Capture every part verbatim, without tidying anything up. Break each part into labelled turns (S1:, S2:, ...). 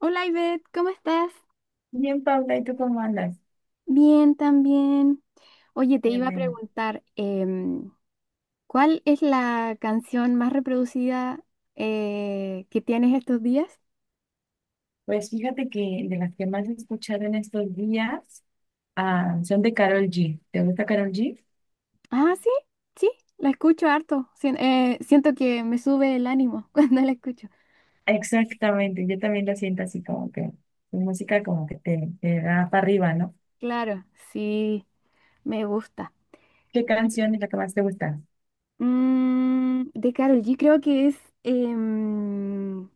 S1: Hola Ivette, ¿cómo estás?
S2: Bien, Paula, ¿y tú cómo andas?
S1: Bien, también. Oye, te
S2: Qué
S1: iba a
S2: bueno.
S1: preguntar, em, ¿cuál es la canción más reproducida eh, que tienes estos días?
S2: Pues fíjate que de las que más he escuchado en estos días ah, son de Karol G. ¿Te gusta Karol G?
S1: Ah, sí, sí, la escucho harto. Sien- eh, siento que me sube el ánimo cuando la escucho.
S2: Exactamente, yo también lo siento así como que su música como que te, te da para arriba, ¿no?
S1: Claro, sí, me gusta.
S2: ¿Qué canción es la que más te gusta?
S1: Mm, de Karol G creo que es em,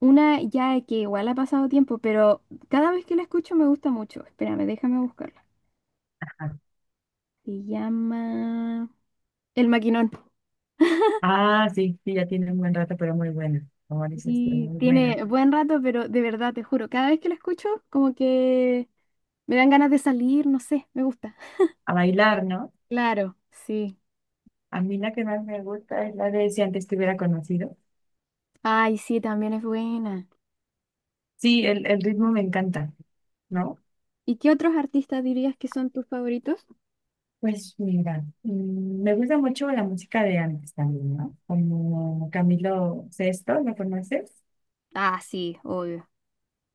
S1: una ya que igual ha pasado tiempo, pero cada vez que la escucho me gusta mucho. Espérame, déjame buscar.
S2: Ajá.
S1: Se llama El Maquinón.
S2: Ah, sí, sí, ya tiene un buen rato, pero muy buena. Como dices, tú,
S1: Y
S2: muy buena.
S1: tiene buen rato, pero de verdad, te juro, cada vez que la escucho, como que me dan ganas de salir, no sé, me gusta.
S2: A bailar, ¿no?
S1: Claro, sí.
S2: A mí la que más me gusta es la de Si antes te hubiera conocido.
S1: Ay, sí, también es buena.
S2: Sí, el, el ritmo me encanta, ¿no?
S1: ¿Y qué otros artistas dirías que son tus favoritos?
S2: Pues mira, mm, me gusta mucho la música de antes también, ¿no? Como Camilo Sesto, ¿lo conoces?
S1: Ah, sí, obvio.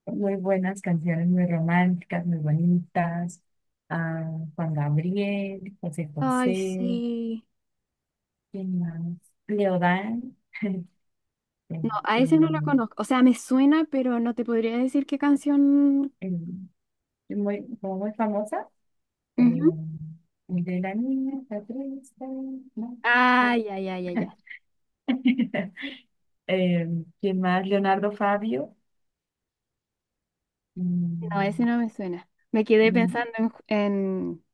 S2: Muy buenas canciones, muy románticas, muy bonitas. Ah, Juan Gabriel, José
S1: Ay,
S2: José,
S1: sí.
S2: ¿quién más? Leodán, este,
S1: No, a ese no lo conozco. O sea, me suena, pero no te podría decir qué canción.
S2: eh, muy, como muy famosa. eh,
S1: Ujú.
S2: el de la niña está triste, ¿no?
S1: Ay, ay, ay, ay, ay.
S2: Eh, ¿quién más? Leonardo Fabio.
S1: No,
S2: mm,
S1: ese no me suena. Me quedé
S2: Mm,
S1: pensando en, Ju- en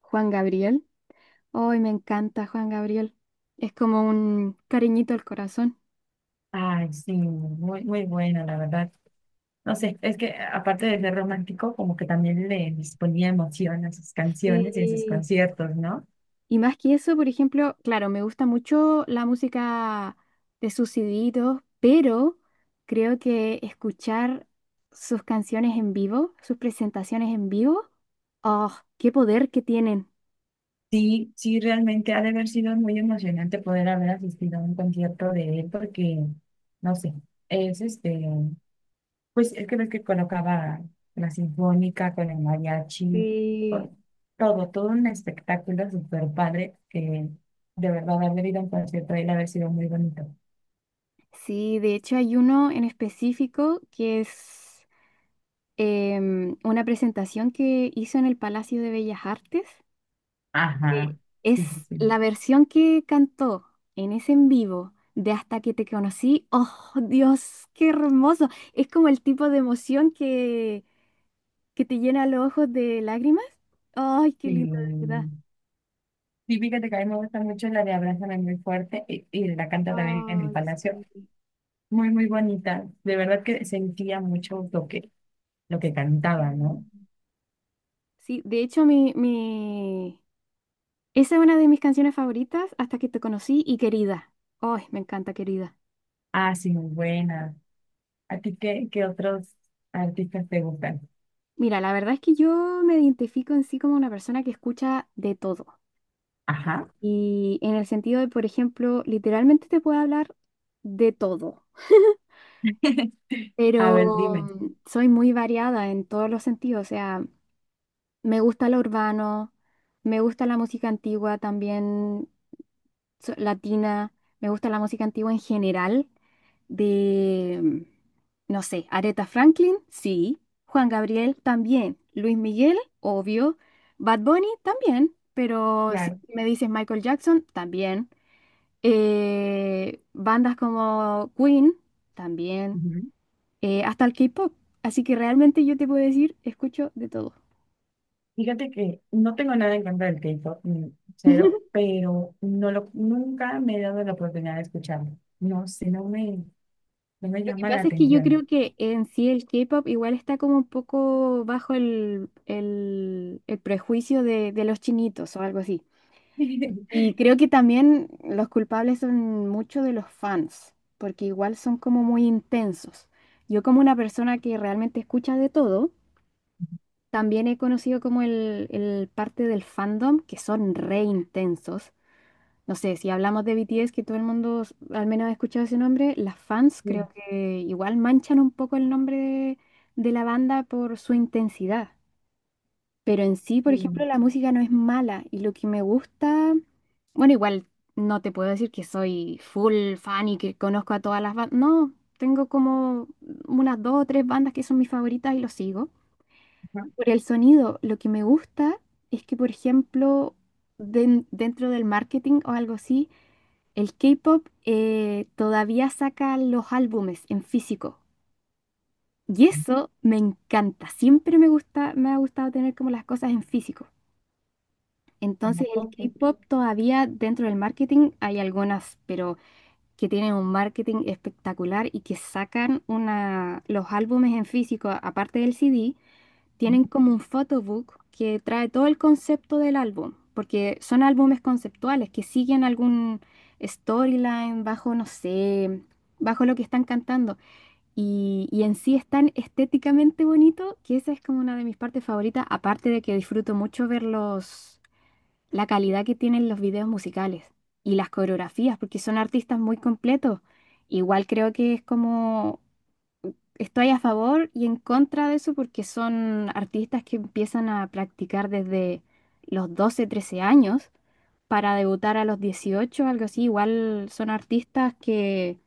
S1: Juan Gabriel. Hoy me encanta Juan Gabriel. Es como un cariñito al corazón.
S2: Ay, sí, muy, muy buena, la verdad. No sé, es que aparte de ser romántico, como que también le les ponía emoción a sus canciones y a sus
S1: Sí.
S2: conciertos, ¿no?
S1: Y más que eso, por ejemplo, claro, me gusta mucho la música de sus CDitos, pero creo que escuchar sus canciones en vivo, sus presentaciones en vivo, ¡oh, qué poder que tienen!
S2: Sí, sí, realmente ha de haber sido muy emocionante poder haber asistido a un concierto de él porque, no sé, es este, pues es que ves que colocaba la sinfónica con el mariachi,
S1: Sí,
S2: con todo, todo un espectáculo súper padre que de verdad haber ido a un concierto de él ha de haber sido muy bonito.
S1: sí, de hecho hay uno en específico que es em, una presentación que hizo en el Palacio de Bellas Artes.
S2: Ajá,
S1: Eh,
S2: sí, sí,
S1: Es
S2: sí.
S1: la versión que cantó en ese en vivo de Hasta que te conocí. ¡Oh, Dios, qué hermoso! Es como el tipo de emoción que, que te llena los ojos de lágrimas. ¡Ay, qué
S2: Sí,
S1: lindo, de verdad!
S2: sí, fíjate que a mí me gusta mucho la de Abrázame muy fuerte y, y la canta también en el
S1: Ay,
S2: Palacio.
S1: sí.
S2: Muy, muy bonita. De verdad que sentía mucho lo que, lo que cantaba, ¿no?
S1: Mm. Sí, de hecho, mi, mi... esa es una de mis canciones favoritas, Hasta que te conocí y Querida. ¡Ay, me encanta, Querida!
S2: Ah, sí, muy buena. ¿A ti qué, qué otros artistas te gustan?
S1: Mira, la verdad es que yo me identifico en sí como una persona que escucha de todo.
S2: Ajá.
S1: Y en el sentido de, por ejemplo, literalmente te puedo hablar de todo,
S2: A ver,
S1: pero
S2: dime.
S1: mm, soy muy variada en todos los sentidos. O sea, me gusta lo urbano, me gusta la música antigua también so- latina, me gusta la música antigua en general, de, mm, no sé, Aretha Franklin, sí, Juan Gabriel también, Luis Miguel, obvio, Bad Bunny también, pero si
S2: Claro.
S1: me dices Michael Jackson, también. Eh, bandas como Queen también,
S2: Ujú.
S1: eh, hasta el K-pop. Así que realmente yo te puedo decir, escucho de todo.
S2: Fíjate que no tengo nada en contra del K-pop, mm, cero, pero no lo, nunca me he dado la oportunidad de escucharlo. No sé, no me, no me
S1: Lo que
S2: llama la
S1: pasa es que yo
S2: atención.
S1: creo que en sí el K-pop igual está como un poco bajo el, el- el prejuicio de, de los chinitos o algo así. Y creo que también los culpables son muchos de los fans, porque igual son como muy intensos. Yo como una persona que realmente escucha de todo, también he conocido como el, el parte del fandom que son re intensos. No sé, si hablamos de B T S, que todo el mundo s- al menos ha escuchado ese nombre, las fans creo
S2: Sí,
S1: que igual manchan un poco el nombre de, de la banda por su intensidad. Pero en sí, por ejemplo,
S2: sí,
S1: la música no es mala y lo que me gusta, bueno, igual no te puedo decir que soy full fan y que conozco a todas las bandas. No, tengo como unas dos o tres bandas que son mis favoritas y lo sigo.
S2: ajá,
S1: Por el sonido, lo que me gusta es que, por ejemplo, den- dentro del marketing o algo así, el K-pop eh, todavía saca los álbumes en físico. Y eso me encanta. Siempre me gusta, me ha gustado tener como las cosas en físico.
S2: a lo
S1: Entonces el
S2: poco,
S1: K-pop todavía dentro del marketing hay algunas, pero que tienen un marketing espectacular y que sacan una, los álbumes en físico, aparte del C D, tienen como un photobook que trae todo el concepto del álbum, porque son álbumes conceptuales que siguen algún storyline bajo, no sé, bajo lo que están cantando. Y, y en sí es tan estéticamente bonito que esa es como una de mis partes favoritas, aparte de que disfruto mucho verlos la calidad que tienen los videos musicales y las coreografías, porque son artistas muy completos. Igual creo que es como, estoy a favor y en contra de eso porque son artistas que empiezan a practicar desde los doce trece años para debutar a los dieciocho algo así. Igual son artistas que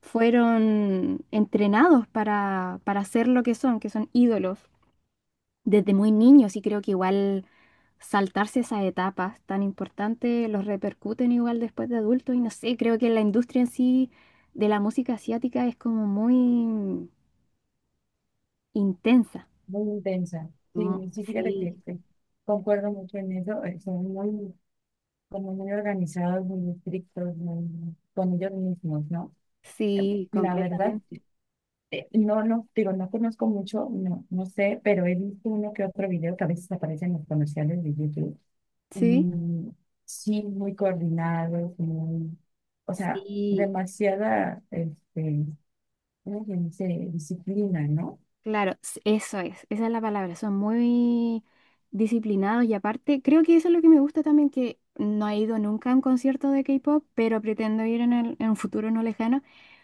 S1: fueron entrenados para, para ser lo que son, que son ídolos desde muy niños y creo que igual saltarse esas etapas tan importantes los repercuten igual después de adultos y no sé, creo que la industria en sí de la música asiática es como muy intensa.
S2: muy intensa.
S1: Mm,
S2: Sí, sí, fíjate
S1: sí,
S2: que, que concuerdo mucho en eso. eh, Son muy, como muy organizados, muy estrictos, muy, con ellos mismos, ¿no? Eh,
S1: sí,
S2: la verdad,
S1: completamente.
S2: eh, no, no, digo, no conozco mucho, no, no sé, pero he visto uno que otro video que a veces aparece en los comerciales de YouTube. Y
S1: Sí,
S2: sí, muy coordinados, muy, o sea,
S1: sí.
S2: demasiada, este alguien se disciplina, ¿no?
S1: Claro, s- eso es, esa es la palabra, son muy disciplinados y aparte, creo que eso es lo que me gusta también, que no he ido nunca a un concierto de K-pop, pero pretendo ir en, el- en un futuro no lejano,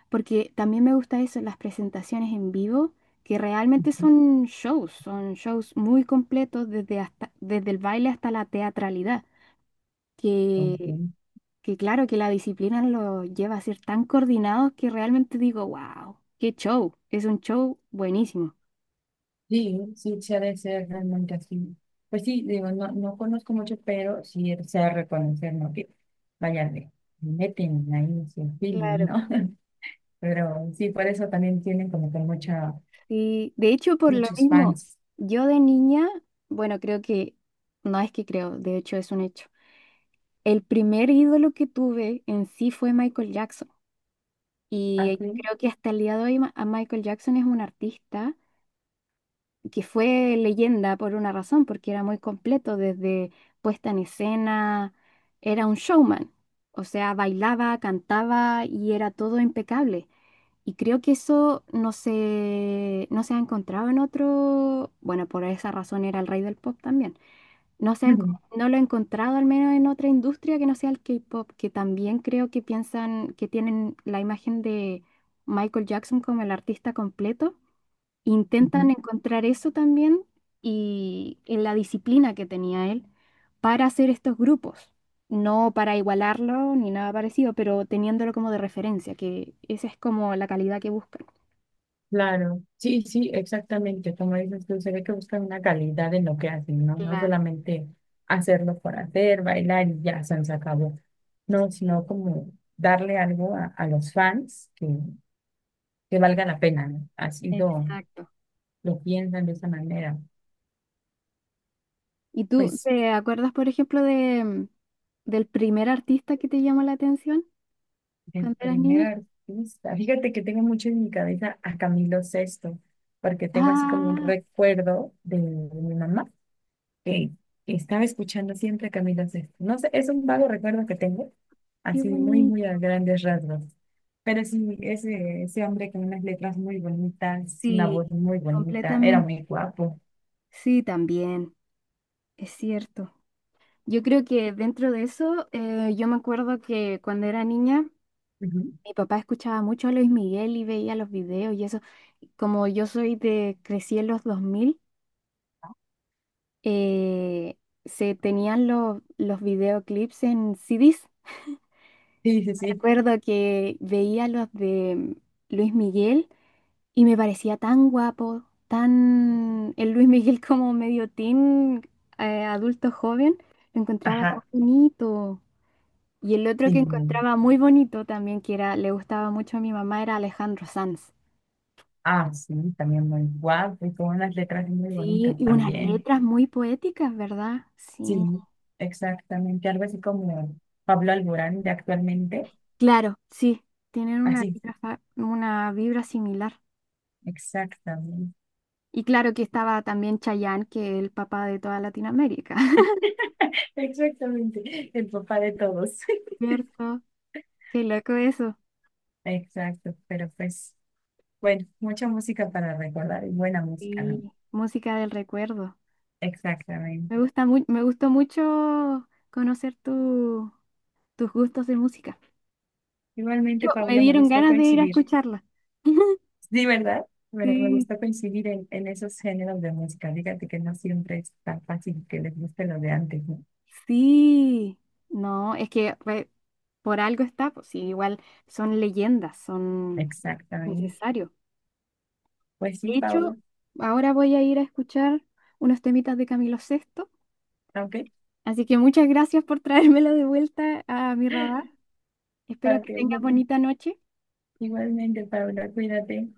S1: porque también me gusta eso, las presentaciones en vivo, que realmente
S2: Ujú.
S1: son shows, son shows muy completos desde, hasta, desde el baile hasta la teatralidad, que,
S2: Ok.
S1: que claro que la disciplina lo lleva a ser tan coordinados que realmente digo, wow, qué show, es un show buenísimo.
S2: Sí, sí, se ha de ser realmente así. Pues sí, digo, no, no conozco mucho, pero sí se ha de reconocer, ¿no? Que vaya, le le meten ahí su feeling,
S1: Claro.
S2: ¿no? Pero sí, por eso también tienen como que mucha,
S1: Sí, de hecho, por lo
S2: muchos
S1: mismo,
S2: fans.
S1: yo de niña, bueno, creo que, no es que creo, de hecho es un hecho. El primer ídolo que tuve en sí fue Michael Jackson. Y eh,
S2: Así.
S1: creo que hasta el día de hoy ma- a Michael Jackson es un artista que fue leyenda por una razón, porque era muy completo, desde puesta en escena, era un showman. O sea, bailaba, cantaba y era todo impecable. Y creo que eso no se, no se ha encontrado en otro, bueno, por esa razón era el rey del pop también. No se ha enco- no lo he encontrado al menos en otra industria que no sea el K-pop, que también creo que piensan que tienen la imagen de Michael Jackson como el artista completo. Intentan encontrar eso también y en la disciplina que tenía él para hacer estos grupos. No para igualarlo ni nada parecido, pero teniéndolo como de referencia, que esa es como la calidad que buscan.
S2: Claro, sí, sí, exactamente. Como dices tú, se ve que buscan una calidad en lo que hacen, ¿no? No
S1: Claro,
S2: solamente hacerlo por hacer, bailar y ya se nos acabó. No,
S1: sí,
S2: sino como darle algo a, a los fans que, que valga la pena, ¿no? Así lo,
S1: exacto.
S2: lo piensan de esa manera.
S1: ¿Y tú
S2: Pues
S1: te acuerdas, por ejemplo, de, mm, del primer artista que te llamó la atención
S2: el
S1: cuando eras
S2: primer
S1: niña?
S2: artista, fíjate que tengo mucho en mi cabeza a Camilo Sexto, porque tengo así como un
S1: Ah,
S2: recuerdo de mi mamá que estaba escuchando siempre a Camilo Sesto. No sé, es un vago recuerdo que tengo,
S1: qué
S2: así muy, muy
S1: bonito.
S2: a grandes rasgos. Pero sí, ese, ese hombre con unas letras muy bonitas, una
S1: Sí,
S2: voz muy bonita, era
S1: completamente.
S2: muy guapo.
S1: Sí, también, es cierto. Yo creo que dentro de eso, eh, yo me acuerdo que cuando era niña,
S2: Ujú.
S1: mi papá escuchaba mucho a Luis Miguel y veía los videos y eso. Como yo soy de, crecí en los dos mil. eh, Se tenían los, los videoclips en C Ds.
S2: Sí, sí,
S1: Me
S2: sí.
S1: acuerdo que veía los de Luis Miguel y me parecía tan guapo, tan el Luis Miguel como medio teen, eh, adulto joven, lo encontraba tan
S2: Ajá.
S1: bonito. Y el otro que
S2: Sí.
S1: encontraba muy bonito también, que era, le gustaba mucho a mi mamá, era Alejandro Sanz.
S2: Ah, sí, también muy guapo y con unas letras muy
S1: Sí,
S2: bonitas
S1: y unas
S2: también.
S1: letras muy poéticas, ¿verdad? Sí.
S2: Sí, exactamente. Algo así como Pablo Alborán de actualmente.
S1: Claro, sí, tienen una
S2: Así,
S1: vibra, fa- una vibra similar.
S2: exactamente.
S1: Y claro que estaba también Chayanne, que es el papá de toda Latinoamérica.
S2: Exactamente, el papá de todos.
S1: ¿Cierto? Qué loco eso.
S2: Exacto, pero pues, bueno, mucha música para recordar y buena música, ¿no?
S1: Y música del recuerdo. Me
S2: Exactamente.
S1: gusta mu- me gustó mucho conocer tu- tus gustos de música. Yo,
S2: Igualmente,
S1: me
S2: Paula, me
S1: dieron
S2: gustó
S1: ganas de ir a
S2: coincidir.
S1: escucharla.
S2: Sí, ¿verdad? Bueno, me
S1: Sí,
S2: gustó coincidir en, en esos géneros de música. Fíjate que no siempre es tan fácil que les guste lo de antes, ¿no?
S1: sí. No, es que re- por algo está, pues sí, igual son leyendas, son
S2: Exactamente.
S1: necesarios.
S2: Pues
S1: De
S2: sí,
S1: hecho,
S2: Paula.
S1: ahora voy a ir a escuchar unos temitas de Camilo Sexto.
S2: Ok,
S1: Así que muchas gracias por traérmelo de vuelta a mi radar. Espero
S2: ok.
S1: que tengas
S2: Me-
S1: bonita noche.
S2: Igualmente, Paula, cuídate.